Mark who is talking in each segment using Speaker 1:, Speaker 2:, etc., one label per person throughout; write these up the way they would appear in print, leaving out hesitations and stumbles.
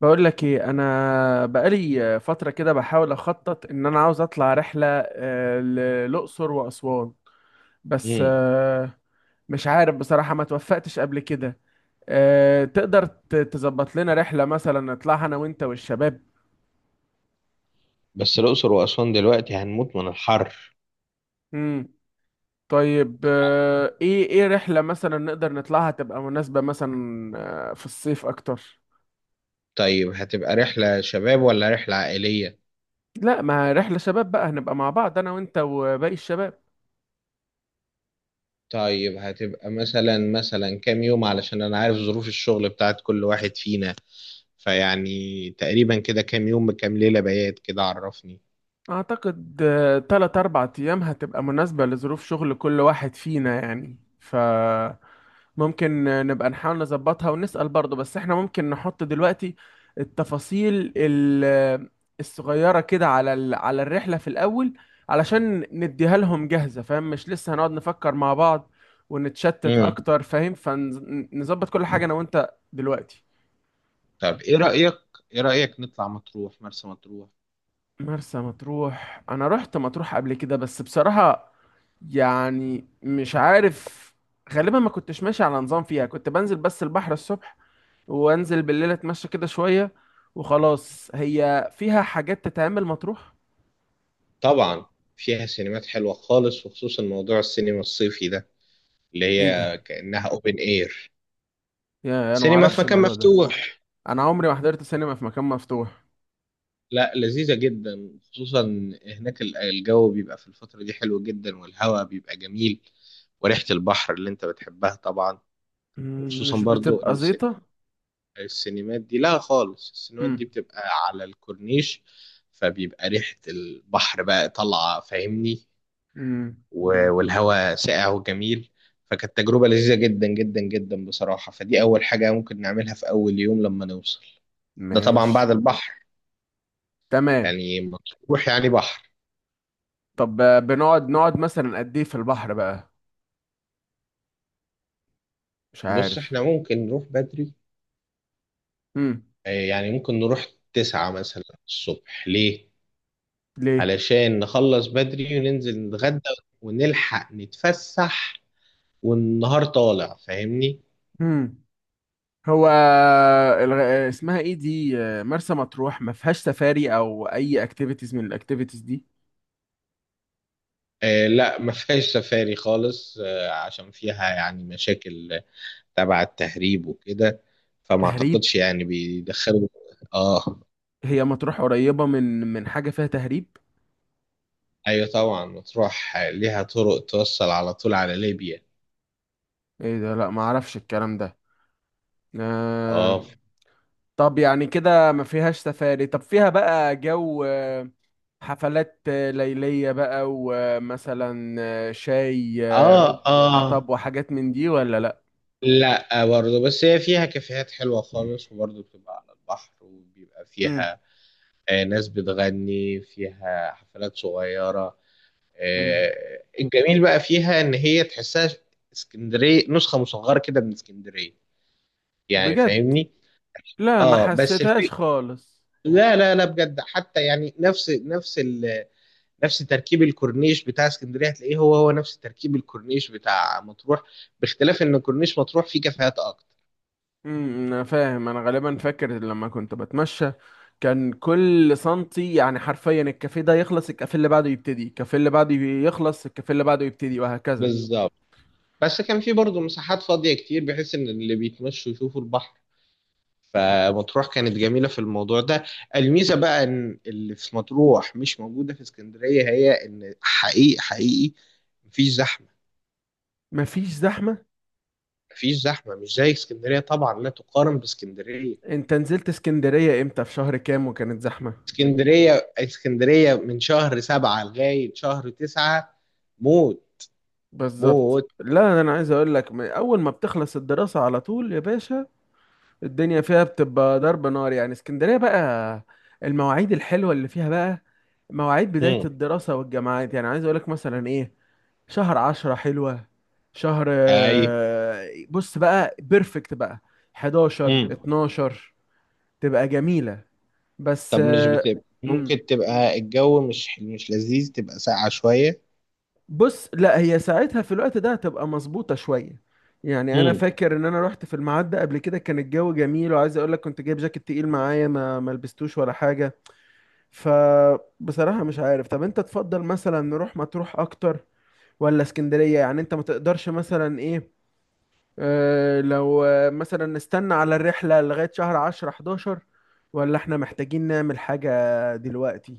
Speaker 1: بقول لك ايه، انا بقالي فتره كده بحاول اخطط ان انا عاوز اطلع رحله للاقصر واسوان. بس
Speaker 2: امم
Speaker 1: مش عارف بصراحه، ما توفقتش قبل كده. تقدر تظبط لنا رحله مثلا نطلعها انا وانت والشباب؟
Speaker 2: بس الأقصر وأسوان دلوقتي هنموت من الحر.
Speaker 1: امم طيب ايه رحله مثلا نقدر نطلعها تبقى مناسبه مثلا في الصيف اكتر؟
Speaker 2: طيب، هتبقى رحلة شباب ولا رحلة عائلية؟
Speaker 1: لا، ما رحله شباب بقى، هنبقى مع بعض انا وانت وباقي الشباب.
Speaker 2: طيب هتبقى مثلا كام يوم؟ علشان أنا عارف ظروف الشغل بتاعت كل واحد فينا. فيعني تقريبا كده كام يوم بكام ليلة بيات كده؟ عرفني.
Speaker 1: اعتقد 3 4 ايام هتبقى مناسبة لظروف شغل كل واحد فينا، يعني فممكن نبقى نحاول نظبطها ونسأل برضه، بس احنا ممكن نحط دلوقتي التفاصيل الصغيرة كده على على الرحلة في الاول، علشان نديها لهم جاهزة، فاهم؟ مش لسه هنقعد نفكر مع بعض ونتشتت
Speaker 2: امم.
Speaker 1: اكتر، فاهم؟ فنظبط كل حاجة انا وانت دلوقتي.
Speaker 2: طب إيه رأيك، إيه رأيك نطلع مطروح، مرسى مطروح؟
Speaker 1: مرسى مطروح، انا رحت مطروح قبل كده بس بصراحة يعني مش عارف. غالبا ما كنتش ماشي على نظام فيها، كنت بنزل بس البحر الصبح وانزل بالليل اتمشى كده شوية وخلاص. هي فيها حاجات تتعمل مطروح؟
Speaker 2: طبعا فيها سينمات حلوة خالص، وخصوصا موضوع السينما الصيفي ده اللي
Speaker 1: ايه ده؟
Speaker 2: هي كأنها أوبن إير،
Speaker 1: يا انا ما
Speaker 2: سينما في
Speaker 1: اعرفش
Speaker 2: مكان
Speaker 1: الموضوع ده.
Speaker 2: مفتوح.
Speaker 1: انا عمري ما حضرت سينما في مكان مفتوح.
Speaker 2: لا، لذيذة جدا. خصوصا هناك الجو بيبقى في الفترة دي حلو جدا، والهواء بيبقى جميل، وريحة البحر اللي انت بتحبها طبعا. وخصوصا
Speaker 1: مش
Speaker 2: برضو
Speaker 1: بتبقى
Speaker 2: ان
Speaker 1: زيطة؟
Speaker 2: السينمات دي، لا خالص، السينمات
Speaker 1: امم.
Speaker 2: دي بتبقى على الكورنيش. فبيبقى ريحة البحر بقى طالعة، فاهمني؟
Speaker 1: امم.
Speaker 2: والهواء ساقع وجميل. فكانت تجربة لذيذة جدا جدا جدا بصراحة. فدي أول حاجة ممكن نعملها في أول يوم لما نوصل. ده طبعا بعد
Speaker 1: ماشي.
Speaker 2: البحر.
Speaker 1: تمام.
Speaker 2: يعني مطروح يعني بحر.
Speaker 1: طب نقعد مثلا قد ايه في البحر بقى؟ مش
Speaker 2: بص،
Speaker 1: عارف.
Speaker 2: احنا ممكن نروح بدري.
Speaker 1: امم.
Speaker 2: يعني ممكن نروح تسعة مثلا الصبح. ليه؟
Speaker 1: ليه؟
Speaker 2: علشان نخلص بدري وننزل نتغدى، ونلحق نتفسح والنهار طالع، فاهمني؟
Speaker 1: امم. هو الغ... اسمها ايه دي؟ مرسى مطروح ما فيهاش سفاري او اي اكتيفيتيز من الاكتيفيتيز دي؟
Speaker 2: آه، لا ما فيهاش سفاري خالص. آه، عشان فيها يعني مشاكل تبع التهريب وكده. فما
Speaker 1: تهريب؟
Speaker 2: اعتقدش يعني بيدخلوا. اه.
Speaker 1: هي مطروح قريبة من حاجة فيها تهريب؟
Speaker 2: ايوه طبعا، مطروح ليها طرق توصل على طول على ليبيا.
Speaker 1: ايه ده، لا ما اعرفش الكلام ده. آه...
Speaker 2: اه،
Speaker 1: طب يعني كده ما فيهاش سفاري، طب فيها بقى جو حفلات ليلية بقى ومثلا شاي
Speaker 2: اه، اه.
Speaker 1: حطب وحاجات من دي ولا لا؟
Speaker 2: لا، برضه بس هي فيها كافيهات حلوة خالص، وبرضه بتبقى على البحر، وبيبقى
Speaker 1: مم.
Speaker 2: فيها ناس بتغني، فيها حفلات صغيرة.
Speaker 1: مم.
Speaker 2: الجميل بقى فيها إن هي تحسها اسكندرية، نسخة مصغرة كده من اسكندرية، يعني
Speaker 1: بجد؟
Speaker 2: فاهمني؟
Speaker 1: لا، ما
Speaker 2: اه، بس الفكرة
Speaker 1: حسيتهاش خالص.
Speaker 2: لا لا لا، بجد، حتى يعني نفس تركيب الكورنيش بتاع اسكندرية هتلاقيه هو هو نفس تركيب الكورنيش بتاع مطروح، باختلاف إن كورنيش مطروح فيه كافيهات أكتر.
Speaker 1: انا فاهم، انا غالبا فاكر لما كنت بتمشى كان كل سنتي، يعني حرفيا الكافيه ده يخلص الكافيه اللي بعده يبتدي، الكافيه اللي بعده يخلص الكافيه اللي بعده يبتدي، وهكذا.
Speaker 2: بالظبط. بس كان في برضه مساحات فاضية كتير، بحيث إن اللي بيتمشوا يشوفوا البحر. فمطروح كانت جميلة في الموضوع ده. الميزة بقى إن اللي في مطروح مش موجودة في اسكندرية، هي إن حقيقي حقيقي مفيش زحمة.
Speaker 1: مفيش زحمة.
Speaker 2: مفيش زحمة، مش زي اسكندرية طبعا، لا تقارن باسكندرية.
Speaker 1: انت نزلت اسكندرية امتى؟ في شهر كام وكانت زحمة؟
Speaker 2: اسكندرية، اسكندرية من شهر سبعة لغاية شهر تسعة موت.
Speaker 1: بالظبط،
Speaker 2: موت.
Speaker 1: لا انا عايز اقول لك، من اول ما بتخلص الدراسة على طول يا باشا الدنيا فيها بتبقى ضرب نار، يعني اسكندرية بقى. المواعيد الحلوة اللي فيها بقى مواعيد بداية
Speaker 2: مم.
Speaker 1: الدراسة والجامعات، يعني عايز اقول لك مثلا ايه، شهر 10 حلوة. شهر
Speaker 2: أي.
Speaker 1: بص بقى بيرفكت بقى، 11
Speaker 2: مم.
Speaker 1: 12 تبقى جميلة. بس
Speaker 2: طب مش بتبقى،
Speaker 1: مم،
Speaker 2: ممكن تبقى الجو مش لذيذ، تبقى ساقعة شوية؟
Speaker 1: بص، لا هي ساعتها في الوقت ده هتبقى مظبوطة شوية. يعني انا
Speaker 2: مم.
Speaker 1: فاكر ان انا رحت في الميعاد ده قبل كده، كان الجو جميل وعايز اقول لك كنت جايب جاكيت تقيل معايا، ما لبستوش ولا حاجة. فبصراحة مش عارف، طب انت تفضل مثلا نروح مطروح اكتر ولا اسكندرية؟ يعني انت ما تقدرش مثلا ايه، لو مثلا نستنى على الرحلة لغاية شهر 10 11، ولا احنا محتاجين نعمل حاجة دلوقتي؟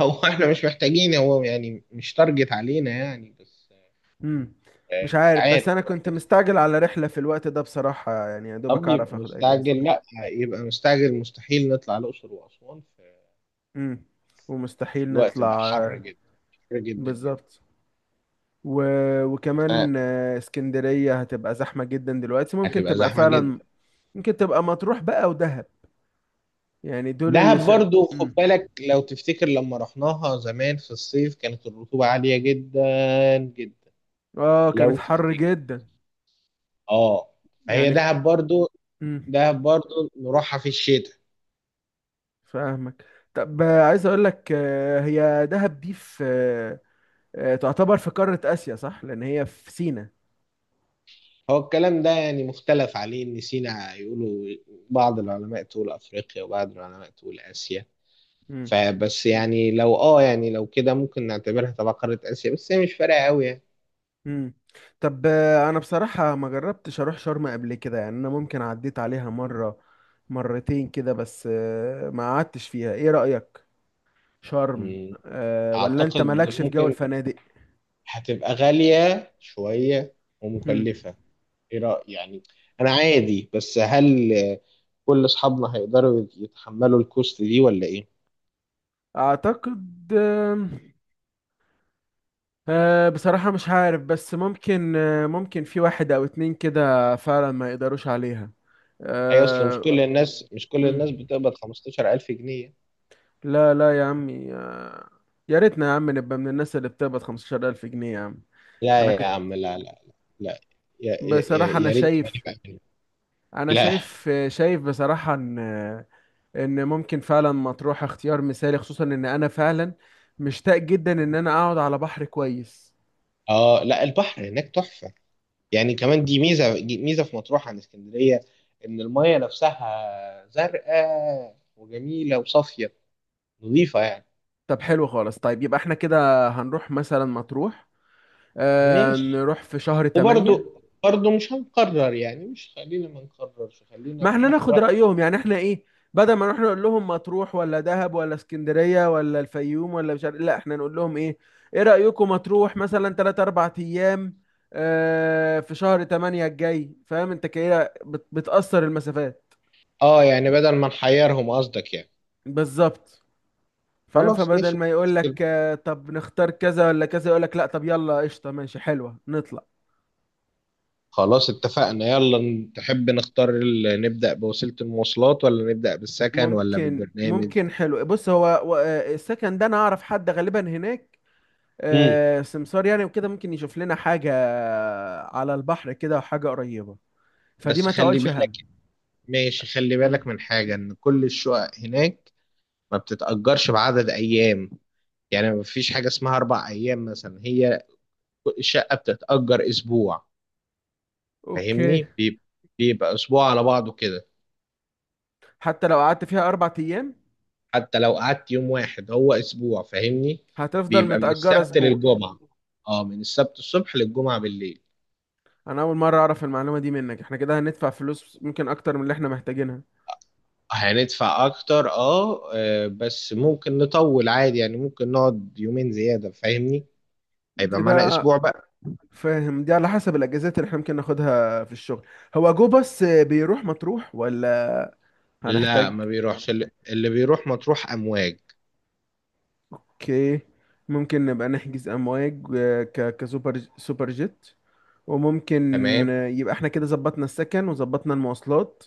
Speaker 2: هو احنا مش محتاجين، هو يعني مش تارجت علينا يعني، بس
Speaker 1: مم. مش
Speaker 2: مش
Speaker 1: عارف، بس
Speaker 2: عارف،
Speaker 1: انا كنت
Speaker 2: براحتنا.
Speaker 1: مستعجل على رحلة في الوقت ده بصراحة، يعني يا دوبك
Speaker 2: طب
Speaker 1: اعرف
Speaker 2: يبقى
Speaker 1: اخد اجازة.
Speaker 2: مستعجل؟ لا، يبقى مستعجل، مستحيل نطلع الأقصر وأسوان
Speaker 1: مم.
Speaker 2: في في
Speaker 1: ومستحيل
Speaker 2: الوقت ده
Speaker 1: نطلع
Speaker 2: حر
Speaker 1: آه،
Speaker 2: جدا. حر جدا جدا.
Speaker 1: بالظبط. و...
Speaker 2: آه،
Speaker 1: وكمان اسكندرية هتبقى زحمة جدا دلوقتي، ممكن
Speaker 2: هتبقى
Speaker 1: تبقى
Speaker 2: زحمة جدا.
Speaker 1: فعلا. ممكن تبقى مطروح بقى ودهب، يعني دول اللي
Speaker 2: دهب
Speaker 1: ش...
Speaker 2: برضو خد
Speaker 1: مم.
Speaker 2: بالك، لو تفتكر لما رحناها زمان في الصيف كانت الرطوبة عالية جدا جدا.
Speaker 1: اه،
Speaker 2: لو
Speaker 1: كانت حر
Speaker 2: تفتكر.
Speaker 1: جدا
Speaker 2: اه. فهي
Speaker 1: يعني.
Speaker 2: دهب برضو،
Speaker 1: مم.
Speaker 2: دهب برضو نروحها في الشتاء.
Speaker 1: فاهمك. طب عايز اقول لك هي دهب دي في تعتبر في قارة آسيا صح؟ لان هي في سينا.
Speaker 2: هو الكلام ده يعني مختلف عليه، ان سينا يقولوا بعض العلماء تقول افريقيا وبعض العلماء تقول اسيا.
Speaker 1: امم.
Speaker 2: فبس يعني لو يعني لو كده ممكن نعتبرها تبع قارة اسيا، بس هي مش فارقة قوي يعني.
Speaker 1: امم. طب انا بصراحة ما جربتش اروح شرم قبل كده، يعني انا ممكن عديت عليها مرة مرتين كده، بس ما قعدتش فيها. ايه رأيك شرم؟
Speaker 2: مم.
Speaker 1: ولا انت
Speaker 2: اعتقد
Speaker 1: مالكش في جو
Speaker 2: ممكن
Speaker 1: الفنادق؟
Speaker 2: هتبقى غالية شوية
Speaker 1: مم.
Speaker 2: ومكلفة. ايه رأيك يعني؟ انا عادي، بس هل كل اصحابنا هيقدروا يتحملوا الكوست دي ولا ايه؟
Speaker 1: اعتقد أه، بصراحة مش عارف، بس ممكن، أه ممكن في واحد أو اتنين كده فعلا ما يقدروش عليها.
Speaker 2: هي اصل مش
Speaker 1: أه.
Speaker 2: كل الناس، مش كل
Speaker 1: مم.
Speaker 2: الناس بتقبض 15000 جنيه.
Speaker 1: لا لا يا عمي، أه، يا ريتنا يا عم نبقى من الناس اللي بتقبض 15000 جنيه يا عم. أنا
Speaker 2: لا يا
Speaker 1: كنت
Speaker 2: عم، لا لا. لا. يا يا يا
Speaker 1: بصراحة، أنا
Speaker 2: يا ريت كمان
Speaker 1: شايف،
Speaker 2: يبقى كده.
Speaker 1: أنا
Speaker 2: لا.
Speaker 1: شايف بصراحة إن إن ممكن فعلا مطروح اختيار مثالي، خصوصا إن أنا فعلا مشتاق جدا إن أنا أقعد على بحر كويس.
Speaker 2: اه، لا، البحر هناك تحفة. يعني كمان دي ميزة، دي ميزة في مطروح عن اسكندرية، ان المية نفسها زرقاء وجميلة وصافية، نظيفة يعني.
Speaker 1: طب حلو خالص، طيب يبقى احنا كده هنروح مثلا مطروح، آه
Speaker 2: ماشي.
Speaker 1: نروح في شهر 8.
Speaker 2: وبرضو برضو مش هنقرر يعني، مش، خلينا ما نقررش، خلينا
Speaker 1: ما احنا
Speaker 2: بناخد
Speaker 1: ناخد
Speaker 2: رأي.
Speaker 1: رأيهم، يعني احنا ايه، بدل ما نروح نقول لهم مطروح ولا دهب ولا اسكندرية ولا الفيوم ولا مش عارف، لا احنا نقول لهم ايه ايه رأيكم مطروح مثلا 3 4 ايام، آه في شهر 8 الجاي. فاهم انت كده بتأثر المسافات.
Speaker 2: اه، يعني بدل ما نحيرهم قصدك يعني.
Speaker 1: بالظبط. فاهم،
Speaker 2: خلاص
Speaker 1: فبدل
Speaker 2: ماشي.
Speaker 1: ما يقول لك آه طب نختار كذا ولا كذا، يقول لك لا طب يلا قشطة ماشي حلوة نطلع.
Speaker 2: خلاص اتفقنا، يلا. تحب نختار نبدأ بوسيلة المواصلات ولا نبدأ بالسكن ولا بالبرنامج؟
Speaker 1: ممكن، حلو. بص هو السكن ده انا اعرف حد غالبا هناك
Speaker 2: امم.
Speaker 1: سمسار يعني وكده، ممكن يشوف لنا حاجة على البحر كده وحاجة قريبة، فدي
Speaker 2: بس
Speaker 1: ما
Speaker 2: خلي
Speaker 1: تقولش
Speaker 2: بالك،
Speaker 1: هم.
Speaker 2: ماشي، خلي
Speaker 1: مم.
Speaker 2: بالك من حاجة، ان كل الشقق هناك ما بتتأجرش بعدد ايام. يعني ما فيش حاجة اسمها اربع ايام مثلا، هي الشقة بتتأجر اسبوع.
Speaker 1: اوكي.
Speaker 2: فاهمني؟ بيبقى اسبوع على بعضه كده.
Speaker 1: حتى لو قعدت فيها 4 أيام
Speaker 2: حتى لو قعدت يوم واحد هو اسبوع، فاهمني؟
Speaker 1: هتفضل
Speaker 2: بيبقى من
Speaker 1: متأجرة
Speaker 2: السبت
Speaker 1: أسبوع.
Speaker 2: للجمعة. اه، من السبت الصبح للجمعة بالليل.
Speaker 1: أنا أول مرة أعرف المعلومة دي منك، احنا كده هندفع فلوس ممكن أكتر من اللي احنا محتاجينها.
Speaker 2: هندفع اكتر، اه. بس ممكن نطول عادي، يعني ممكن نقعد يومين زيادة، فاهمني؟ هيبقى
Speaker 1: دي
Speaker 2: معانا اسبوع
Speaker 1: بقى،
Speaker 2: بقى.
Speaker 1: فاهم، دي على حسب الأجازات اللي احنا ممكن ناخدها في الشغل. هو جو بس بيروح مطروح ولا
Speaker 2: لا ما
Speaker 1: هنحتاج؟
Speaker 2: بيروحش، اللي بيروح مطروح امواج.
Speaker 1: اوكي. ممكن نبقى نحجز امواج، كسوبر جيت. وممكن
Speaker 2: تمام.
Speaker 1: يبقى احنا كده ظبطنا السكن وظبطنا المواصلات.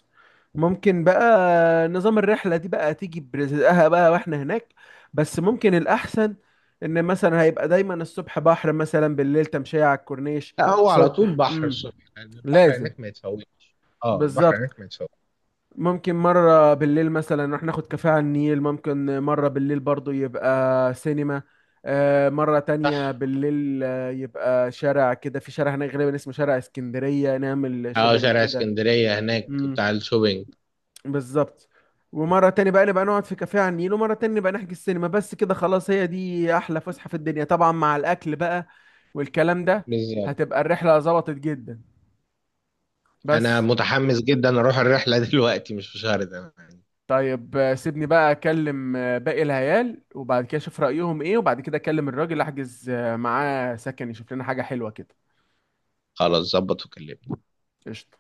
Speaker 1: ممكن بقى نظام الرحلة دي بقى تيجي برزقها بقى واحنا هناك، بس ممكن الأحسن إن مثلا هيبقى دايما الصبح بحر، مثلا بالليل تمشية على الكورنيش.
Speaker 2: لا هو على طول
Speaker 1: صبح.
Speaker 2: بحر
Speaker 1: امم.
Speaker 2: الصبح، لان البحر
Speaker 1: لازم.
Speaker 2: هناك ما يتفوتش. اه، البحر
Speaker 1: بالظبط.
Speaker 2: هناك ما يتفوتش.
Speaker 1: ممكن مرة بالليل مثلا نروح ناخد كافيه على النيل، ممكن مرة بالليل برضو يبقى سينما، مرة تانية
Speaker 2: صح.
Speaker 1: بالليل يبقى شارع كده، في شارع هناك غالبا اسمه شارع اسكندرية نعمل
Speaker 2: اه،
Speaker 1: شوبينج
Speaker 2: شارع
Speaker 1: كده.
Speaker 2: اسكندرية هناك
Speaker 1: امم.
Speaker 2: بتاع الشوبينج.
Speaker 1: بالظبط. ومرة تانية بقى نبقى نقعد في كافيه على النيل، ومرة تانية نبقى نحجز سينما، بس كده خلاص هي دي أحلى فسحة في الدنيا طبعا مع الأكل بقى والكلام ده.
Speaker 2: بالظبط.
Speaker 1: هتبقى الرحلة ظبطت جدا،
Speaker 2: انا
Speaker 1: بس
Speaker 2: متحمس جدا اروح الرحلة دلوقتي، مش في شهر ده يعني.
Speaker 1: طيب سيبني بقى اكلم باقي العيال، وبعد كده اشوف رأيهم ايه، وبعد كده اكلم الراجل احجز معاه سكن يشوف لنا حاجة حلوة كده.
Speaker 2: خلاص، ظبط وكلمني.
Speaker 1: قشطة.